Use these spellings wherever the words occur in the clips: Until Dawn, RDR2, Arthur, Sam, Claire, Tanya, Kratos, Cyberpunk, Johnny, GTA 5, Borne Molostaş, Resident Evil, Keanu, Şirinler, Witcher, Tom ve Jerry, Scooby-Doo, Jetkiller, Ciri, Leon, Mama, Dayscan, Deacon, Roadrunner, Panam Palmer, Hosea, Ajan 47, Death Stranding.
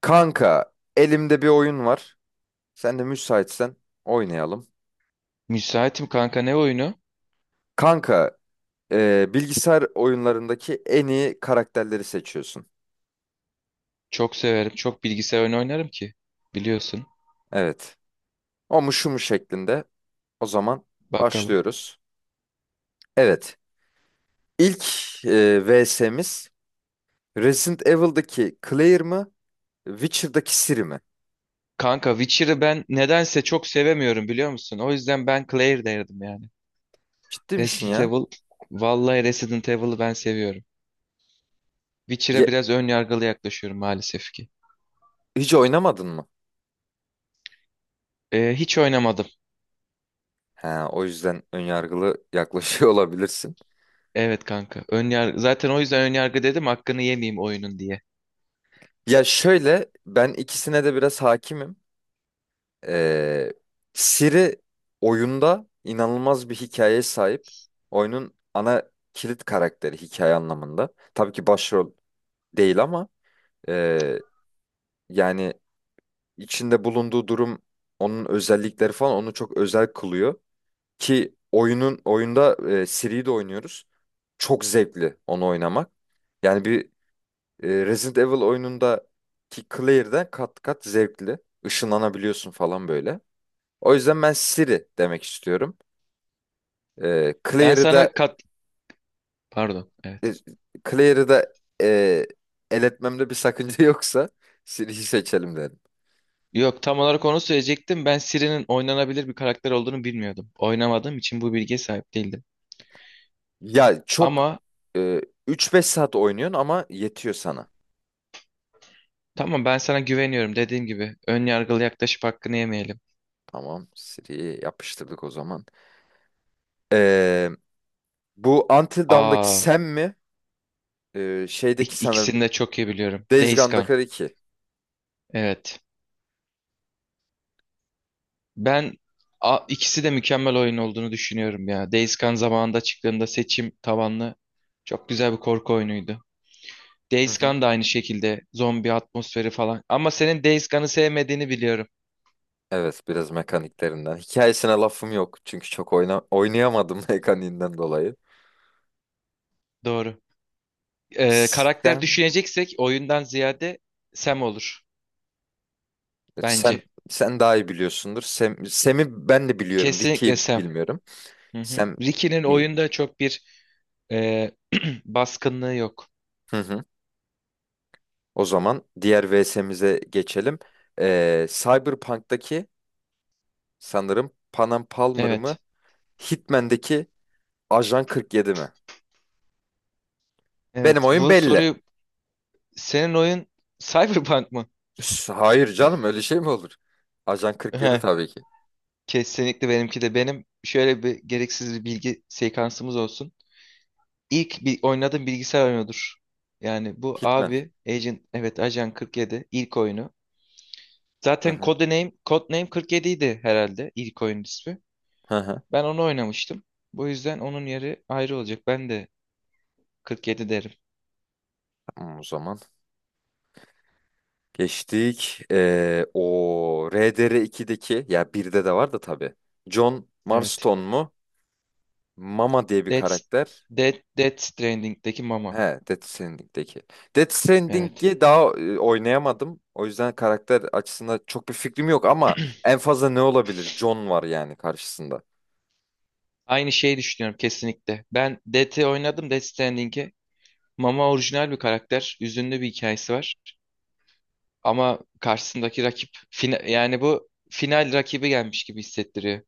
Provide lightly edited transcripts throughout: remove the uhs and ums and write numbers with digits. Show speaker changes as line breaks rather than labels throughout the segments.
Kanka, elimde bir oyun var. Sen de müsaitsen oynayalım.
Müsaitim kanka ne oyunu?
Kanka, bilgisayar oyunlarındaki en iyi karakterleri seçiyorsun.
Çok severim. Çok bilgisayar oyunu oynarım ki. Biliyorsun.
Evet. O mu şu mu şeklinde. O zaman
Bakalım.
başlıyoruz. Evet. İlk VS'miz Resident Evil'daki Claire mı? Witcher'daki Ciri mi?
Kanka Witcher'ı ben nedense çok sevemiyorum biliyor musun? O yüzden ben Claire derdim yani.
Ciddi misin
Resident
ya?
Evil. Vallahi Resident Evil'ı ben seviyorum.
Ya-
Witcher'a biraz ön yargılı yaklaşıyorum maalesef ki.
Hiç oynamadın mı?
Hiç oynamadım.
Ha, o yüzden önyargılı yaklaşıyor olabilirsin.
Evet kanka. Ön yargı. Zaten o yüzden ön yargı dedim hakkını yemeyeyim oyunun diye.
Ya şöyle ben ikisine de biraz hakimim. Ee, Siri oyunda inanılmaz bir hikayeye sahip. Oyunun ana kilit karakteri hikaye anlamında. Tabii ki başrol değil, ama e, yani içinde bulunduğu durum, onun özellikleri falan onu çok özel kılıyor. Ki oyunda Siri'yi de oynuyoruz. Çok zevkli onu oynamak. Yani bir Resident Evil oyunundaki Claire'den kat kat zevkli. Işınlanabiliyorsun falan böyle. O yüzden ben Siri demek istiyorum. Ee,
Ben
Claire'ı da
sana kat... Pardon.
e,
Evet.
Claire'ı da e, el etmemde bir sakınca yoksa Siri'yi seçelim derim.
Yok tam olarak onu söyleyecektim. Ben Siri'nin oynanabilir bir karakter olduğunu bilmiyordum. Oynamadığım için bu bilgiye sahip değildim.
Ya çok
Ama
e, 3-5 saat oynuyorsun ama yetiyor sana.
tamam ben sana güveniyorum dediğim gibi. Ön yargılı yaklaşıp hakkını yemeyelim.
Tamam, Siri'yi yapıştırdık o zaman. Ee, bu Until Dawn'daki
Aa,
Sam mi? Şeydeki
ik-
sanırım
ikisini de çok iyi biliyorum.
Days
Days Gone.
Gone'daki Ricky.
Evet. Ben ikisi de mükemmel oyun olduğunu düşünüyorum ya. Days Gone zamanında çıktığında seçim tabanlı çok güzel bir korku oyunuydu.
Hı
Days
hı.
Gone da aynı şekilde zombi atmosferi falan. Ama senin Days Gone'ı sevmediğini biliyorum.
Evet, biraz mekaniklerinden. Hikayesine lafım yok çünkü çok oynayamadım mekaniğinden dolayı.
Doğru. Karakter
Sam
düşüneceksek oyundan ziyade Sam olur
Sen
bence.
sen daha iyi biliyorsundur. Sem'i ben de biliyorum.
Kesinlikle
Ricky'yi
Sam.
bilmiyorum.
Hı hı.
Sem
Ricky'nin
iyi.
oyunda çok bir e, baskınlığı yok.
Hı hı. O zaman diğer VS'mize geçelim. Cyberpunk'taki sanırım Panam Palmer mı?
Evet.
Hitman'daki Ajan 47 mi? Benim
Evet.
oyun
Bu
belli.
soruyu senin oyun Cyberpunk mı?
Hayır canım, öyle şey mi olur? Ajan 47
Heh,
tabii ki.
kesinlikle benimki de. Benim şöyle bir gereksiz bir bilgi sekansımız olsun. İlk bir oynadığım bilgisayar oyunudur. Yani bu
Hitman.
abi Agent evet Ajan 47 ilk oyunu.
Hı
Zaten
hı.
Codename 47 idi herhalde ilk oyun ismi.
Hı hı.
Ben onu oynamıştım. Bu yüzden onun yeri ayrı olacak. Ben de 47 derim.
Tamam o zaman. Geçtik. O RDR2'deki, ya birde de var da tabii. John
Evet.
Marston mu? Mama diye bir
Death,
karakter.
Death Stranding'deki
He,
Mama.
Death Stranding'deki. Death
Evet.
Stranding'i daha oynayamadım. O yüzden karakter açısında çok bir fikrim yok, ama en fazla ne olabilir? John var yani karşısında.
Aynı şeyi düşünüyorum kesinlikle. Ben Death'i oynadım Death Stranding'i. Mama orijinal bir karakter. Üzünlü bir hikayesi var. Ama karşısındaki rakip yani bu final rakibi gelmiş gibi hissettiriyor.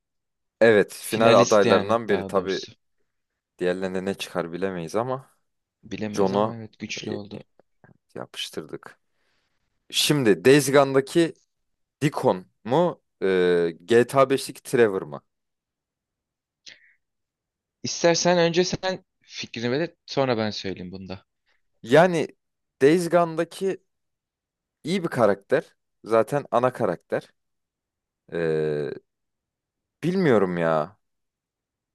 Evet, final
Finalist yani
adaylarından biri.
daha
Tabii,
doğrusu.
diğerlerine ne çıkar bilemeyiz, ama
Bilemeyiz ama
John'u
evet güçlü
e,
oldu.
yapıştırdık. Şimdi Days Gone'daki Deacon mu? GTA 5'teki Trevor mı?
İstersen önce sen fikrini belirt sonra ben söyleyeyim bunda.
Yani Days Gone'daki iyi bir karakter. Zaten ana karakter. Ee, bilmiyorum ya.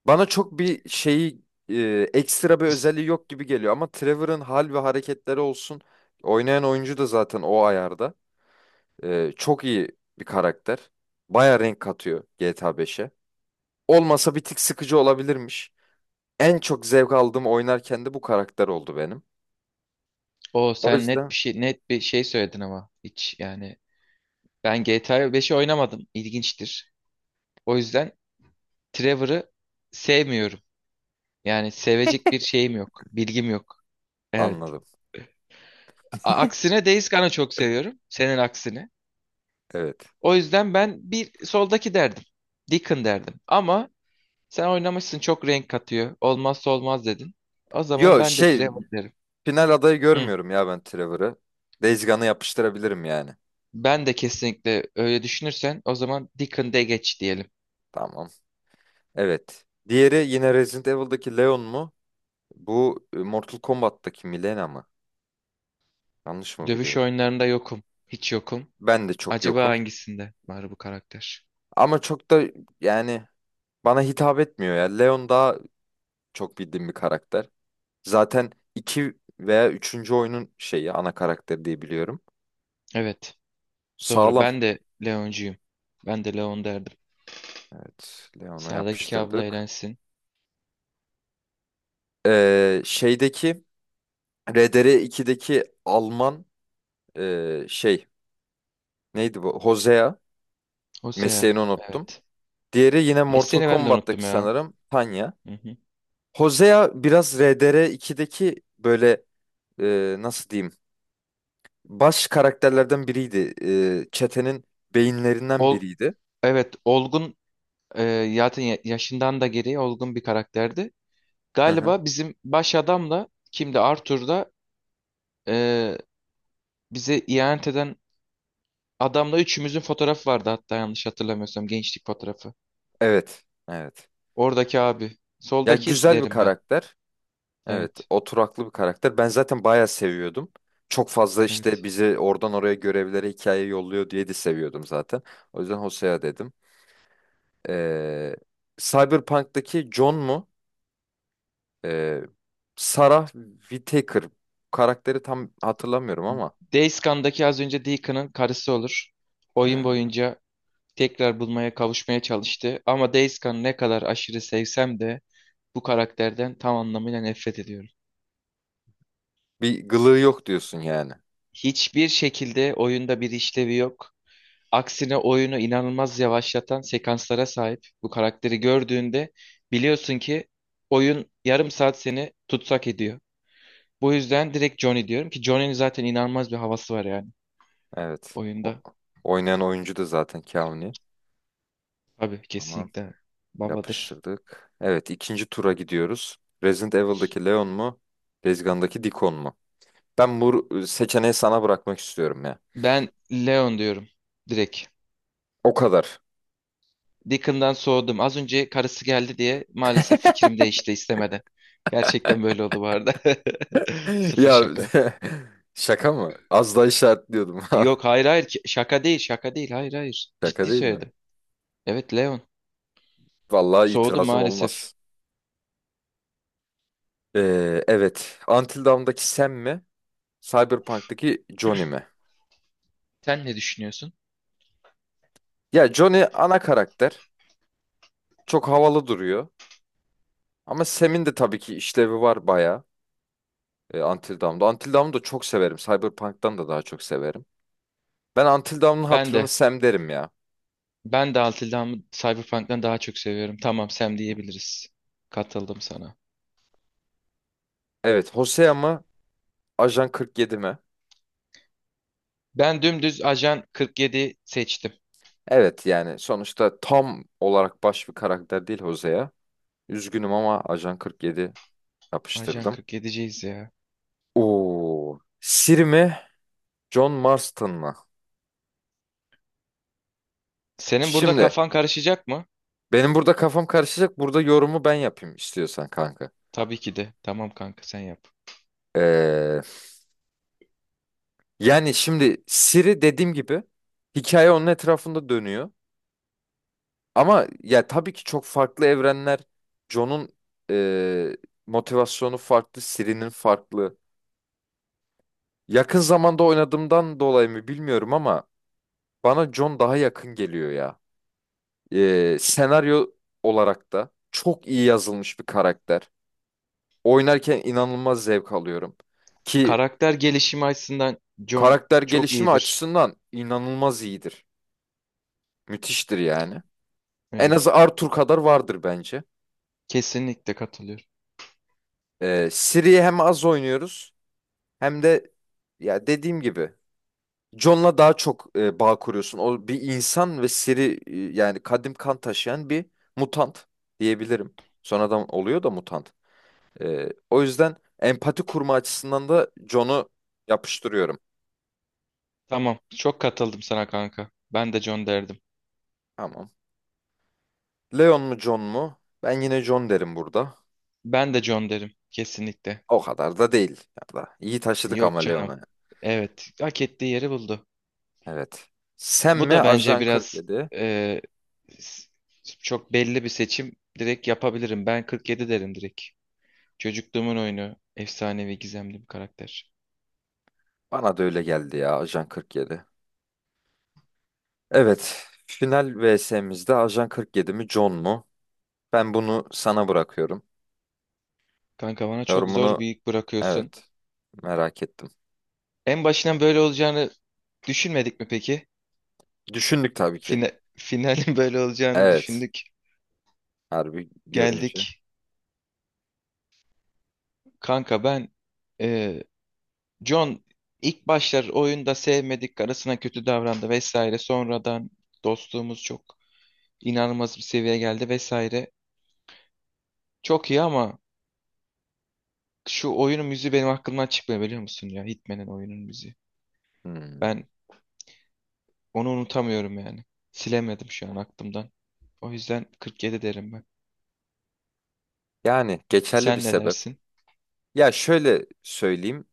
Bana çok bir şeyi, ekstra bir özelliği yok gibi geliyor. Ama Trevor'ın hal ve hareketleri olsun. Oynayan oyuncu da zaten o ayarda. Çok iyi bir karakter. Baya renk katıyor GTA 5'e. Olmasa bir tık sıkıcı olabilirmiş. En çok zevk aldığım, oynarken de bu karakter oldu benim.
O
O
sen net
yüzden
bir şey net bir şey söyledin ama hiç yani ben GTA 5'i oynamadım ilginçtir. O yüzden Trevor'ı sevmiyorum. Yani sevecek bir şeyim yok, bilgim yok. Evet.
anladım.
Aksine Days Gone'ı çok seviyorum senin aksine.
Evet.
O yüzden ben bir soldaki derdim. Deacon derdim. Ama sen oynamışsın çok renk katıyor. Olmazsa olmaz dedin. O zaman
Yo,
ben de
şey,
Trevor derim.
final adayı
Hı.
görmüyorum ya ben Trevor'ı. Days Gone'ı yapıştırabilirim yani.
Ben de kesinlikle öyle düşünürsen o zaman Deacon de geç diyelim.
Tamam. Evet. Diğeri yine Resident Evil'daki Leon mu? Bu Mortal Kombat'taki Milena mı? Yanlış mı
Dövüş
biliyorum?
oyunlarında yokum. Hiç yokum.
Ben de çok
Acaba
yokum.
hangisinde var bu karakter?
Ama çok da yani bana hitap etmiyor ya. Leon daha çok bildiğim bir karakter. Zaten 2 veya üçüncü oyunun şeyi, ana karakter diye biliyorum.
Evet. Doğru.
Sağlam.
Ben de Leoncuyum. Ben de Leon derdim.
Evet. Leon'u
Sağdaki abla
yapıştırdık.
eğlensin.
Şeydeki RDR2'deki Alman, şey, neydi bu? Hosea,
O Osea.
mesleğini unuttum.
Evet.
Diğeri yine Mortal
Mesleğini ben de unuttum
Kombat'taki
ya.
sanırım Tanya.
Hı hı.
Hosea biraz RDR2'deki böyle, nasıl diyeyim, baş karakterlerden biriydi. Çetenin beyinlerinden
Ol
biriydi.
evet. Olgun zaten yaşından da geriye olgun bir karakterdi.
Hı hı.
Galiba bizim baş adamla kimdi? Arthur'da e, bize ihanet eden adamla üçümüzün fotoğrafı vardı hatta yanlış hatırlamıyorsam gençlik fotoğrafı.
Evet. Evet.
Oradaki abi.
Ya
Soldaki
güzel bir
derim ben.
karakter. Evet,
Evet.
oturaklı bir karakter. Ben zaten bayağı seviyordum. Çok fazla işte
Evet.
bizi oradan oraya görevlere, hikaye yolluyor diye de seviyordum zaten. O yüzden Hosea dedim. Ee, Cyberpunk'taki John mu? Ee, Sarah Whittaker. Karakteri tam hatırlamıyorum ama.
Dayscan'daki az önce Deacon'ın karısı olur. Oyun
Ha,
boyunca tekrar bulmaya kavuşmaya çalıştı. Ama Dayscan ne kadar aşırı sevsem de bu karakterden tam anlamıyla nefret ediyorum.
bir gılığı yok diyorsun yani.
Hiçbir şekilde oyunda bir işlevi yok. Aksine oyunu inanılmaz yavaşlatan sekanslara sahip. Bu karakteri gördüğünde biliyorsun ki oyun yarım saat seni tutsak ediyor. Bu yüzden direkt Johnny diyorum ki Johnny'nin zaten inanılmaz bir havası var yani
Evet. O,
oyunda.
oynayan oyuncu da zaten Keanu.
Tabii
Tamam.
kesinlikle babadır.
Yapıştırdık. Evet, ikinci tura gidiyoruz. Resident Evil'daki Leon mu? Days Gone'daki Deacon mu? Ben bu seçeneği sana bırakmak istiyorum ya.
Ben Leon diyorum direkt.
O kadar.
Deacon'dan soğudum. Az önce karısı geldi diye maalesef fikrim değişti istemeden. Gerçekten böyle oldu bu arada. Sıfır
Ya,
şaka.
şaka mı? Az daha işaretliyordum.
Yok hayır hayır şaka değil şaka değil hayır hayır.
Şaka
Ciddi
değil mi?
söyledim. Evet Leon
Vallahi
soğudum
itirazım
maalesef.
olmaz. Evet. Until Dawn'daki Sam mi? Cyberpunk'taki Johnny mi?
Sen ne düşünüyorsun?
Ya Johnny ana karakter. Çok havalı duruyor. Ama Sam'in de tabii ki işlevi var bayağı. Until Dawn'da. Until Dawn'u da çok severim. Cyberpunk'tan da daha çok severim. Ben Until Dawn'un
Ben
hatırını
de
Sam derim ya.
ben de Altıldam'ı Cyberpunk'tan daha çok seviyorum. Tamam Sam diyebiliriz. Katıldım sana.
Evet, Hosea mı? Ajan 47 mi?
Ben dümdüz Ajan 47 seçtim.
Evet yani sonuçta tam olarak baş bir karakter değil Hosea. Üzgünüm ama Ajan 47
Ajan
yapıştırdım.
47'ciyiz ya.
Oo, Siri mi? John Marston mı?
Senin burada
Şimdi
kafan karışacak mı?
benim burada kafam karışacak. Burada yorumu ben yapayım istiyorsan kanka.
Tabii ki de. Tamam kanka sen yap.
Ee, yani şimdi Siri, dediğim gibi, hikaye onun etrafında dönüyor. Ama ya tabii ki çok farklı evrenler. John'un e, motivasyonu farklı, Ciri'nin farklı. Yakın zamanda oynadığımdan dolayı mı bilmiyorum ama bana John daha yakın geliyor ya. Senaryo olarak da çok iyi yazılmış bir karakter. Oynarken inanılmaz zevk alıyorum. Ki
Karakter gelişimi açısından John
karakter
çok
gelişimi
iyidir.
açısından inanılmaz iyidir. Müthiştir yani. En az
Evet.
Arthur kadar vardır bence.
Kesinlikle katılıyorum.
Ciri'yi hem az oynuyoruz. Hem de ya dediğim gibi John'la daha çok bağ kuruyorsun. O bir insan ve seri, yani kadim kan taşıyan bir mutant diyebilirim. Sonradan oluyor da mutant. O yüzden empati kurma açısından da John'u yapıştırıyorum.
Tamam. Çok katıldım sana kanka. Ben de John derdim.
Tamam. Leon mu John mu? Ben yine John derim burada.
Ben de John derim. Kesinlikle.
O kadar da değil. Ya da iyi taşıdık ama
Yok canım.
Leon'a.
Evet. Hak ettiği yeri buldu.
Evet. Sen
Bu
mi,
da bence
Ajan
biraz
47?
e, s- çok belli bir seçim. Direkt yapabilirim. Ben 47 derim direkt. Çocukluğumun oyunu. Efsanevi gizemli bir karakter.
Bana da öyle geldi ya, Ajan 47. Evet, final VS'mizde Ajan 47 mi John mu? Ben bunu sana bırakıyorum.
Kanka bana çok zor bir
Yorumunu,
yük bırakıyorsun.
evet, merak ettim.
En başından böyle olacağını düşünmedik mi peki?
Düşündük tabii ki.
Finalin böyle olacağını
Evet,
düşündük.
harbi görünce.
Geldik. Kanka ben e, John ilk başlar oyunda sevmedik. Karısına kötü davrandı vesaire. Sonradan dostluğumuz çok inanılmaz bir seviyeye geldi vesaire. Çok iyi ama şu oyunun müziği benim aklımdan çıkmıyor biliyor musun ya? Hitman'in oyunun müziği.
Hmm.
Ben onu unutamıyorum yani. Silemedim şu an aklımdan. O yüzden 47 derim ben.
Yani geçerli bir
Sen ne
sebep.
dersin?
Ya şöyle söyleyeyim.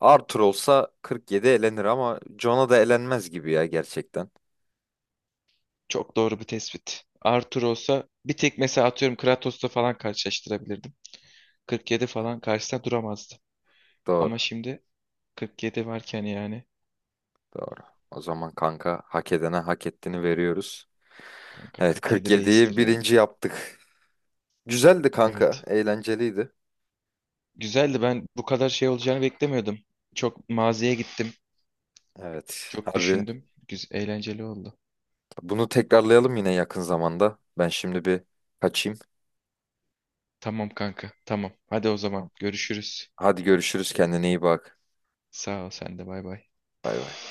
Arthur olsa 47 elenir ama John'a da elenmez gibi ya, gerçekten.
Çok doğru bir tespit. Arthur olsa bir tek mesela atıyorum Kratos'la falan karşılaştırabilirdim. 47 falan karşısında duramazdı.
Doğru,
Ama şimdi 47 varken yani
doğru. O zaman kanka, hak edene hak ettiğini veriyoruz.
kanka
Evet,
47 reistir
47'yi
ya.
birinci yaptık. Güzeldi kanka,
Evet.
eğlenceliydi.
Güzeldi ben bu kadar şey olacağını beklemiyordum. Çok maziye gittim.
Evet.
Çok
Harbi.
düşündüm. Güzel, eğlenceli oldu.
Bunu tekrarlayalım yine yakın zamanda. Ben şimdi bir kaçayım.
Tamam kanka tamam. Hadi o zaman
Tamam.
görüşürüz.
Hadi görüşürüz. Kendine iyi bak.
Sağ ol sen de bay bay.
Bay bay.